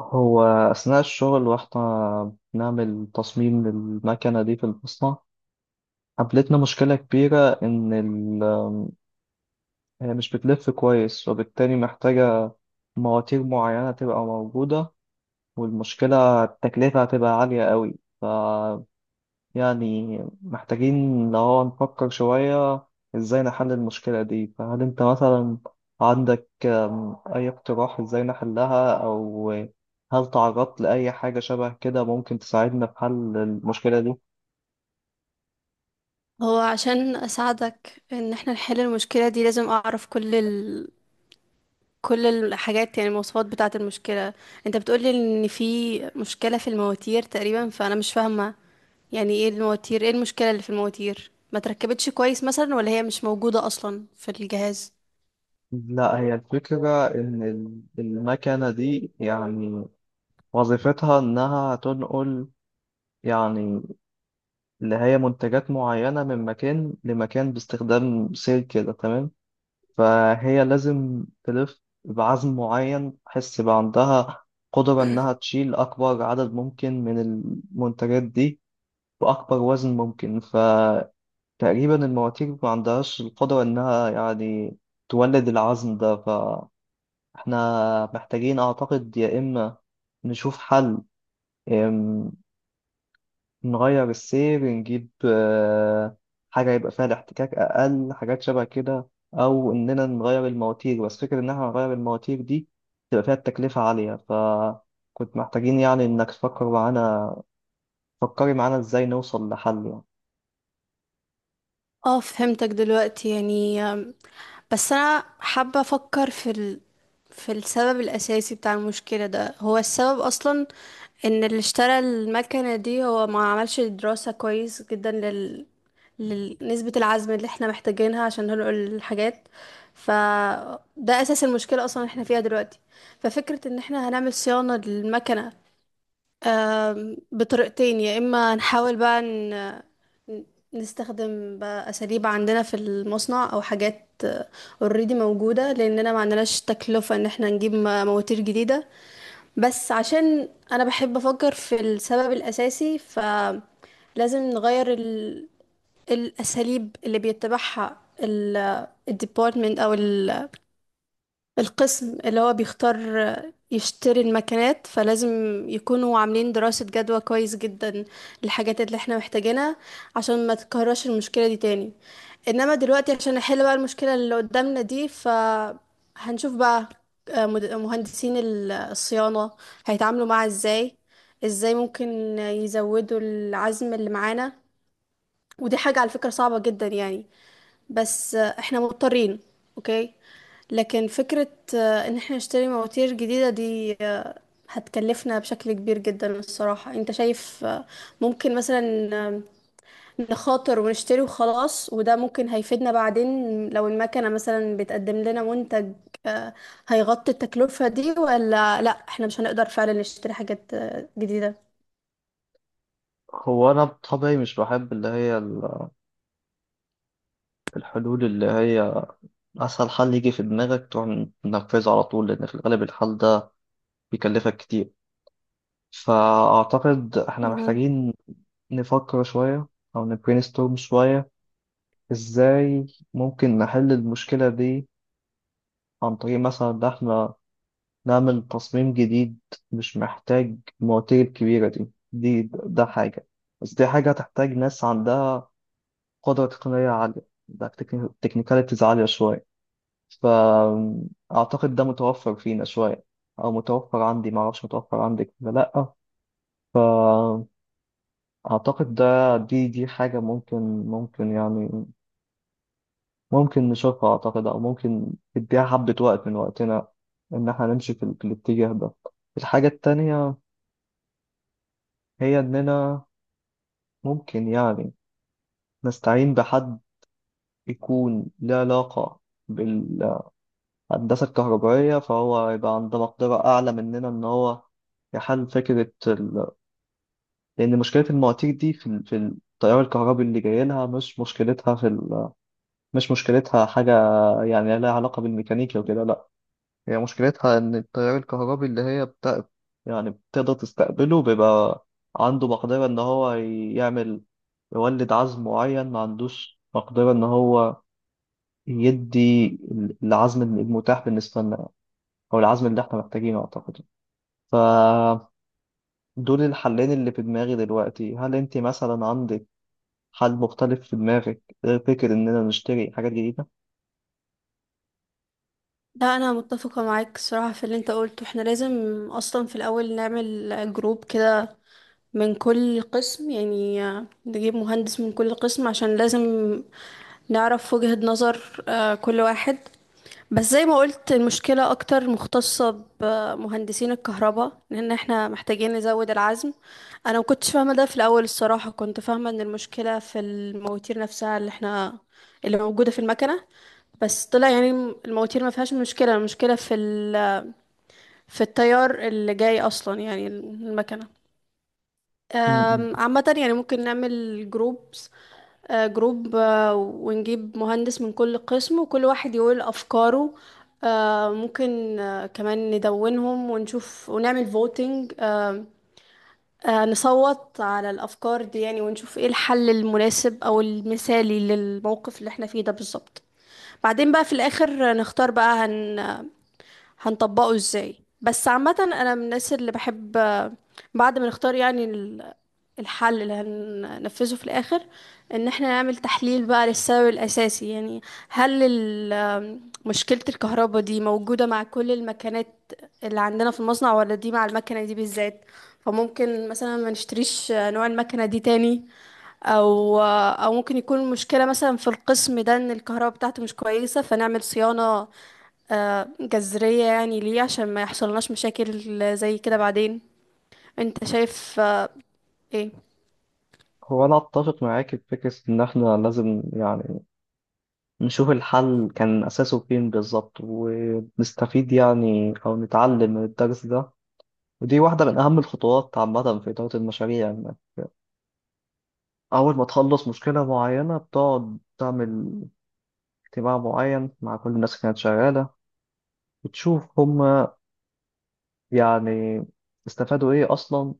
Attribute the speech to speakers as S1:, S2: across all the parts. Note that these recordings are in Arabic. S1: هو أثناء الشغل واحنا بنعمل تصميم للمكنة دي في المصنع، قابلتنا مشكلة كبيرة إن ال- هي مش بتلف كويس، وبالتالي محتاجة مواتير معينة تبقى موجودة، والمشكلة التكلفة هتبقى عالية قوي. يعني محتاجين اللي هو نفكر شوية ازاي نحل المشكلة دي. فهل انت مثلا عندك أي اقتراح ازاي نحلها، أو هل تعرضت لأي حاجة شبه كده ممكن تساعدنا في حل المشكلة دي؟
S2: هو عشان اساعدك ان احنا نحل المشكله دي لازم اعرف كل الحاجات، يعني المواصفات بتاعه المشكله. انت بتقولي ان في مشكله في المواتير تقريبا، فانا مش فاهمه يعني ايه المواتير، ايه المشكله اللي في المواتير؟ ما تركبتش كويس مثلا ولا هي مش موجوده اصلا في الجهاز؟
S1: لا، هي الفكرة إن ال- المكنة دي يعني وظيفتها إنها تنقل يعني اللي هي منتجات معينة من مكان لمكان باستخدام سير كده، تمام؟ فهي لازم تلف بعزم معين، تحس بقى عندها قدرة إنها تشيل أكبر عدد ممكن من المنتجات دي بأكبر وزن ممكن. فتقريبا المواتير ما عندهاش القدرة إنها يعني تولد العزم ده. فإحنا محتاجين أعتقد يا إما نشوف حل، نغير السير، نجيب حاجة يبقى فيها الاحتكاك أقل، حاجات شبه كده، أو إننا نغير المواتير. بس فكرة إن إحنا نغير المواتير دي تبقى فيها التكلفة عالية، فكنت محتاجين يعني إنك تفكر معانا، فكري معانا إزاي نوصل لحل يعني.
S2: اه، فهمتك دلوقتي. يعني بس انا حابة افكر في السبب الاساسي بتاع المشكلة. ده هو السبب اصلا ان اللي اشترى المكنة دي هو ما عملش دراسة كويس جدا لنسبة العزم اللي احنا محتاجينها عشان ننقل الحاجات. فده اساس المشكلة اصلا اللي احنا فيها دلوقتي. ففكرة ان احنا هنعمل صيانة للمكنة، بطريقتين. يا اما نحاول بقى نستخدم بقى اساليب عندنا في المصنع او حاجات اوريدي موجوده، لاننا ما عندناش تكلفه ان احنا نجيب مواتير جديده. بس عشان انا بحب افكر في السبب الاساسي، فلازم نغير الاساليب اللي بيتبعها الديبارتمنت او القسم اللي هو بيختار يشتري المكنات. فلازم يكونوا عاملين دراسة جدوى كويس جدا للحاجات اللي احنا محتاجينها عشان ما تتكررش المشكلة دي تاني. انما دلوقتي عشان نحل بقى المشكلة اللي قدامنا دي، فهنشوف بقى مهندسين الصيانة هيتعاملوا معاها ازاي، ازاي ممكن يزودوا العزم اللي معانا. ودي حاجة على فكرة صعبة جدا يعني، بس احنا مضطرين. اوكي، لكن فكرة ان احنا نشتري مواتير جديدة دي هتكلفنا بشكل كبير جدا الصراحة. انت شايف ممكن مثلا نخاطر ونشتري وخلاص وده ممكن هيفيدنا بعدين لو المكنة مثلا بتقدم لنا منتج آه، هيغطي التكلفة دي، ولا لا احنا مش هنقدر فعلا نشتري حاجات جديدة؟
S1: هو أنا بطبعي مش بحب اللي هي ال- الحلول اللي هي أسهل حل يجي في دماغك تروح تنفذه على طول، لأن في الغالب الحل ده بيكلفك كتير. فأعتقد إحنا محتاجين نفكر شوية أو نبرينستورم شوية إزاي ممكن نحل المشكلة دي. عن طريق مثلا إن إحنا نعمل تصميم جديد مش محتاج المواتير الكبيرة دي، دي ده حاجة، بس دي حاجة هتحتاج ناس عندها قدرة تقنية عالية، ده تكنيكاليتيز عالية شوية. فأعتقد ده متوفر فينا شوية، أو متوفر عندي، معرفش متوفر عندك ولا لأ. فأعتقد ده دي حاجة ممكن، ممكن يعني ممكن نشوفها أعتقد، أو ممكن نديها حبة وقت من وقتنا إن إحنا نمشي في, ال- في الاتجاه ده. الحاجة التانية هي إننا ممكن يعني نستعين بحد يكون له علاقة بالهندسة الكهربائية، فهو يبقى عنده مقدرة أعلى مننا إن هو يحل فكرة ال... لأن مشكلة المواتير دي في, ال... في التيار الكهربي اللي جاي لها، مش مشكلتها في ال... مش مشكلتها حاجة يعني لها علاقة بالميكانيكا وكده، لأ. هي مشكلتها إن التيار الكهربي اللي هي بتا... يعني بتقدر تستقبله بيبقى عنده مقدرة إن هو يعمل، يولد عزم معين، ما عندوش مقدرة إن هو يدي العزم المتاح بالنسبة لنا، أو العزم اللي إحنا محتاجينه أعتقد. فدول الحلين اللي في دماغي دلوقتي. هل أنت مثلا عندك حل مختلف في دماغك غير فكرة إننا نشتري حاجات جديدة؟
S2: لا، انا متفقه معاك الصراحه في اللي انت قلته. احنا لازم اصلا في الاول نعمل جروب كده من كل قسم، يعني نجيب مهندس من كل قسم عشان لازم نعرف وجهة نظر كل واحد. بس زي ما قلت، المشكله اكتر مختصه بمهندسين الكهرباء لان احنا محتاجين نزود العزم. انا ما كنتش فاهمه ده في الاول الصراحه، كنت فاهمه ان المشكله في المواتير نفسها اللي احنا، اللي موجوده في المكنه، بس طلع يعني المواتير ما فيهاش مشكلة. المشكلة في التيار اللي جاي أصلا. يعني المكنة
S1: م- م.
S2: عامة. يعني ممكن نعمل جروبس، جروب، ونجيب مهندس من كل قسم وكل واحد يقول أفكاره. ممكن كمان ندونهم ونشوف ونعمل فوتينج، نصوت على الأفكار دي يعني، ونشوف ايه الحل المناسب أو المثالي للموقف اللي احنا فيه ده بالظبط. بعدين بقى في الآخر نختار بقى هنطبقه ازاي. بس عامة انا من الناس اللي بحب بعد ما نختار يعني الحل اللي هننفذه في الاخر، ان احنا نعمل تحليل بقى للسبب الاساسي. يعني هل مشكلة الكهرباء دي موجودة مع كل المكنات اللي عندنا في المصنع، ولا دي مع المكنة دي بالذات؟ فممكن مثلا ما نشتريش نوع المكنة دي تاني، او ممكن يكون المشكله مثلا في القسم ده ان الكهرباء بتاعته مش كويسه، فنعمل صيانه جذرية يعني ليه، عشان ما يحصلناش مشاكل زي كده بعدين. انت شايف ايه؟
S1: هو أنا أتفق معاك في فكرة إن إحنا لازم يعني نشوف الحل كان أساسه فين بالظبط، ونستفيد يعني أو نتعلم من الدرس ده. ودي واحدة من أهم الخطوات عامة في إدارة المشاريع، إن أول ما تخلص مشكلة معينة بتقعد تعمل اجتماع معين مع كل الناس اللي كانت شغالة وتشوف هما يعني استفادوا إيه أصلا،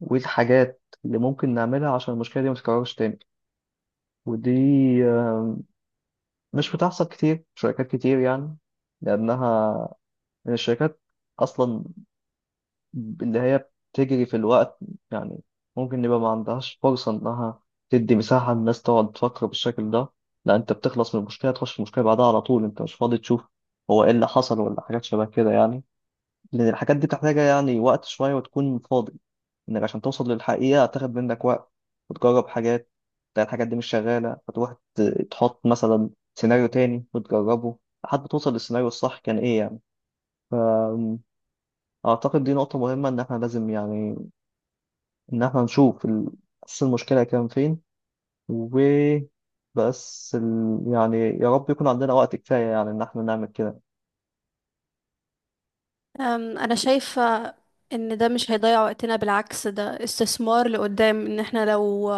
S1: وإيه الحاجات اللي ممكن نعملها عشان المشكلة دي ما تتكررش تاني. ودي آه، مش بتحصل كتير في شركات كتير يعني، لأنها الشركات أصلا اللي هي بتجري في الوقت يعني، ممكن يبقى ما عندهاش فرصة إنها تدي مساحة للناس تقعد تفكر بالشكل ده. لا، أنت بتخلص من المشكلة تخش في المشكلة بعدها على طول، أنت مش فاضي تشوف هو إيه اللي حصل ولا حاجات شبه كده يعني. لأن الحاجات دي محتاجة يعني وقت شوية، وتكون فاضي، إنك عشان توصل للحقيقة هتاخد منك وقت، وتجرب حاجات تلاقي الحاجات دي مش شغالة، فتروح ت- تحط مثلا سيناريو تاني وتجربه لحد ما توصل للسيناريو الصح كان إيه يعني. أعتقد دي نقطة مهمة إن إحنا لازم يعني إن إحنا نشوف ال- أساس المشكلة كان فين. وبس ال... يعني يا رب يكون عندنا وقت كفاية يعني إن إحنا نعمل كده.
S2: أنا شايفة إن ده مش هيضيع وقتنا، بالعكس ده استثمار لقدام. إن احنا لو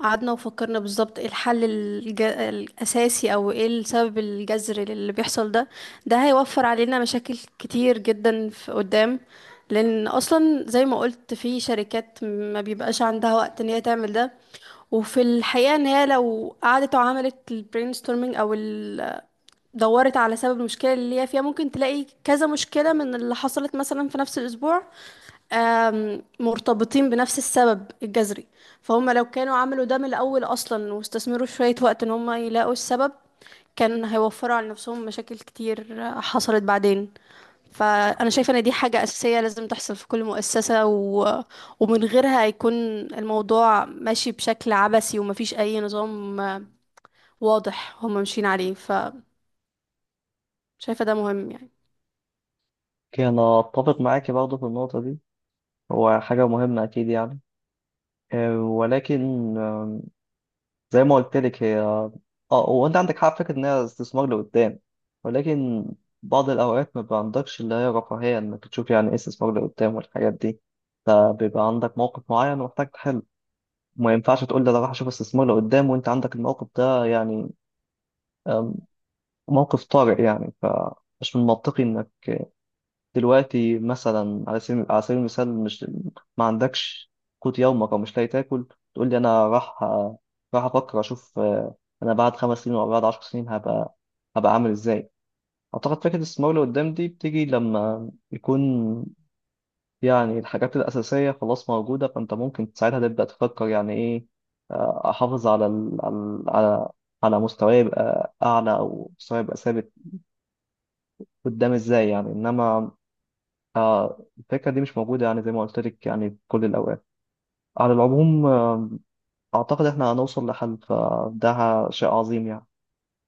S2: قعدنا وفكرنا بالظبط ايه الحل الأساسي أو ايه السبب الجذري للي بيحصل ده، ده هيوفر علينا مشاكل كتير جدا في قدام. لأن أصلا زي ما قلت في شركات ما بيبقاش عندها وقت إن هي تعمل ده، وفي الحقيقة إن هي لو قعدت وعملت ال brainstorming أو دورت على سبب المشكلة اللي هي فيها، ممكن تلاقي كذا مشكلة من اللي حصلت مثلا في نفس الأسبوع مرتبطين بنفس السبب الجذري. فهم لو كانوا عملوا ده من الأول أصلا واستثمروا شوية وقت إن هم يلاقوا السبب، كان هيوفروا على نفسهم مشاكل كتير حصلت بعدين. فأنا شايفة إن دي حاجة أساسية لازم تحصل في كل مؤسسة، ومن غيرها هيكون الموضوع ماشي بشكل عبثي ومفيش أي نظام واضح هم ماشيين عليه. فشايفة ده مهم يعني.
S1: أوكي، أنا أتفق معاكي برضه في النقطة دي. هو حاجة مهمة أكيد يعني. ولكن زي ما قلت لك هي اه، وانت عندك حق في فكرة ان هي استثمار لقدام. ولكن بعض الاوقات ما بيبقى عندكش اللي هي رفاهية انك تشوف يعني ايه استثمار لقدام والحاجات دي. فبيبقى عندك موقف معين ومحتاج تحله، ما ينفعش تقول ده انا راح اشوف استثمار لقدام وانت عندك الموقف ده يعني. أم، موقف طارئ يعني. فمش من منطقي انك دلوقتي مثلا على سبيل، على سبيل المثال، مش ما عندكش قوت يومك او مش لاقي تاكل تقول لي انا راح، راح افكر اشوف انا بعد 5 سنين او بعد 10 سنين هبقى، هبقى عامل ازاي. اعتقد فكره الاستثمار لقدام دي بتيجي لما يكون يعني الحاجات الأساسية خلاص موجودة، فأنت ممكن ساعتها تبدأ تفكر يعني إيه. أحافظ على ال... على، على، على مستواي يبقى أعلى أو مستواي يبقى ثابت قدام إزاي يعني. إنما الفكرة دي مش موجودة يعني زي ما قلت لك يعني في كل الأوقات. على العموم أعتقد إحنا هنوصل لحل، فده شيء عظيم يعني.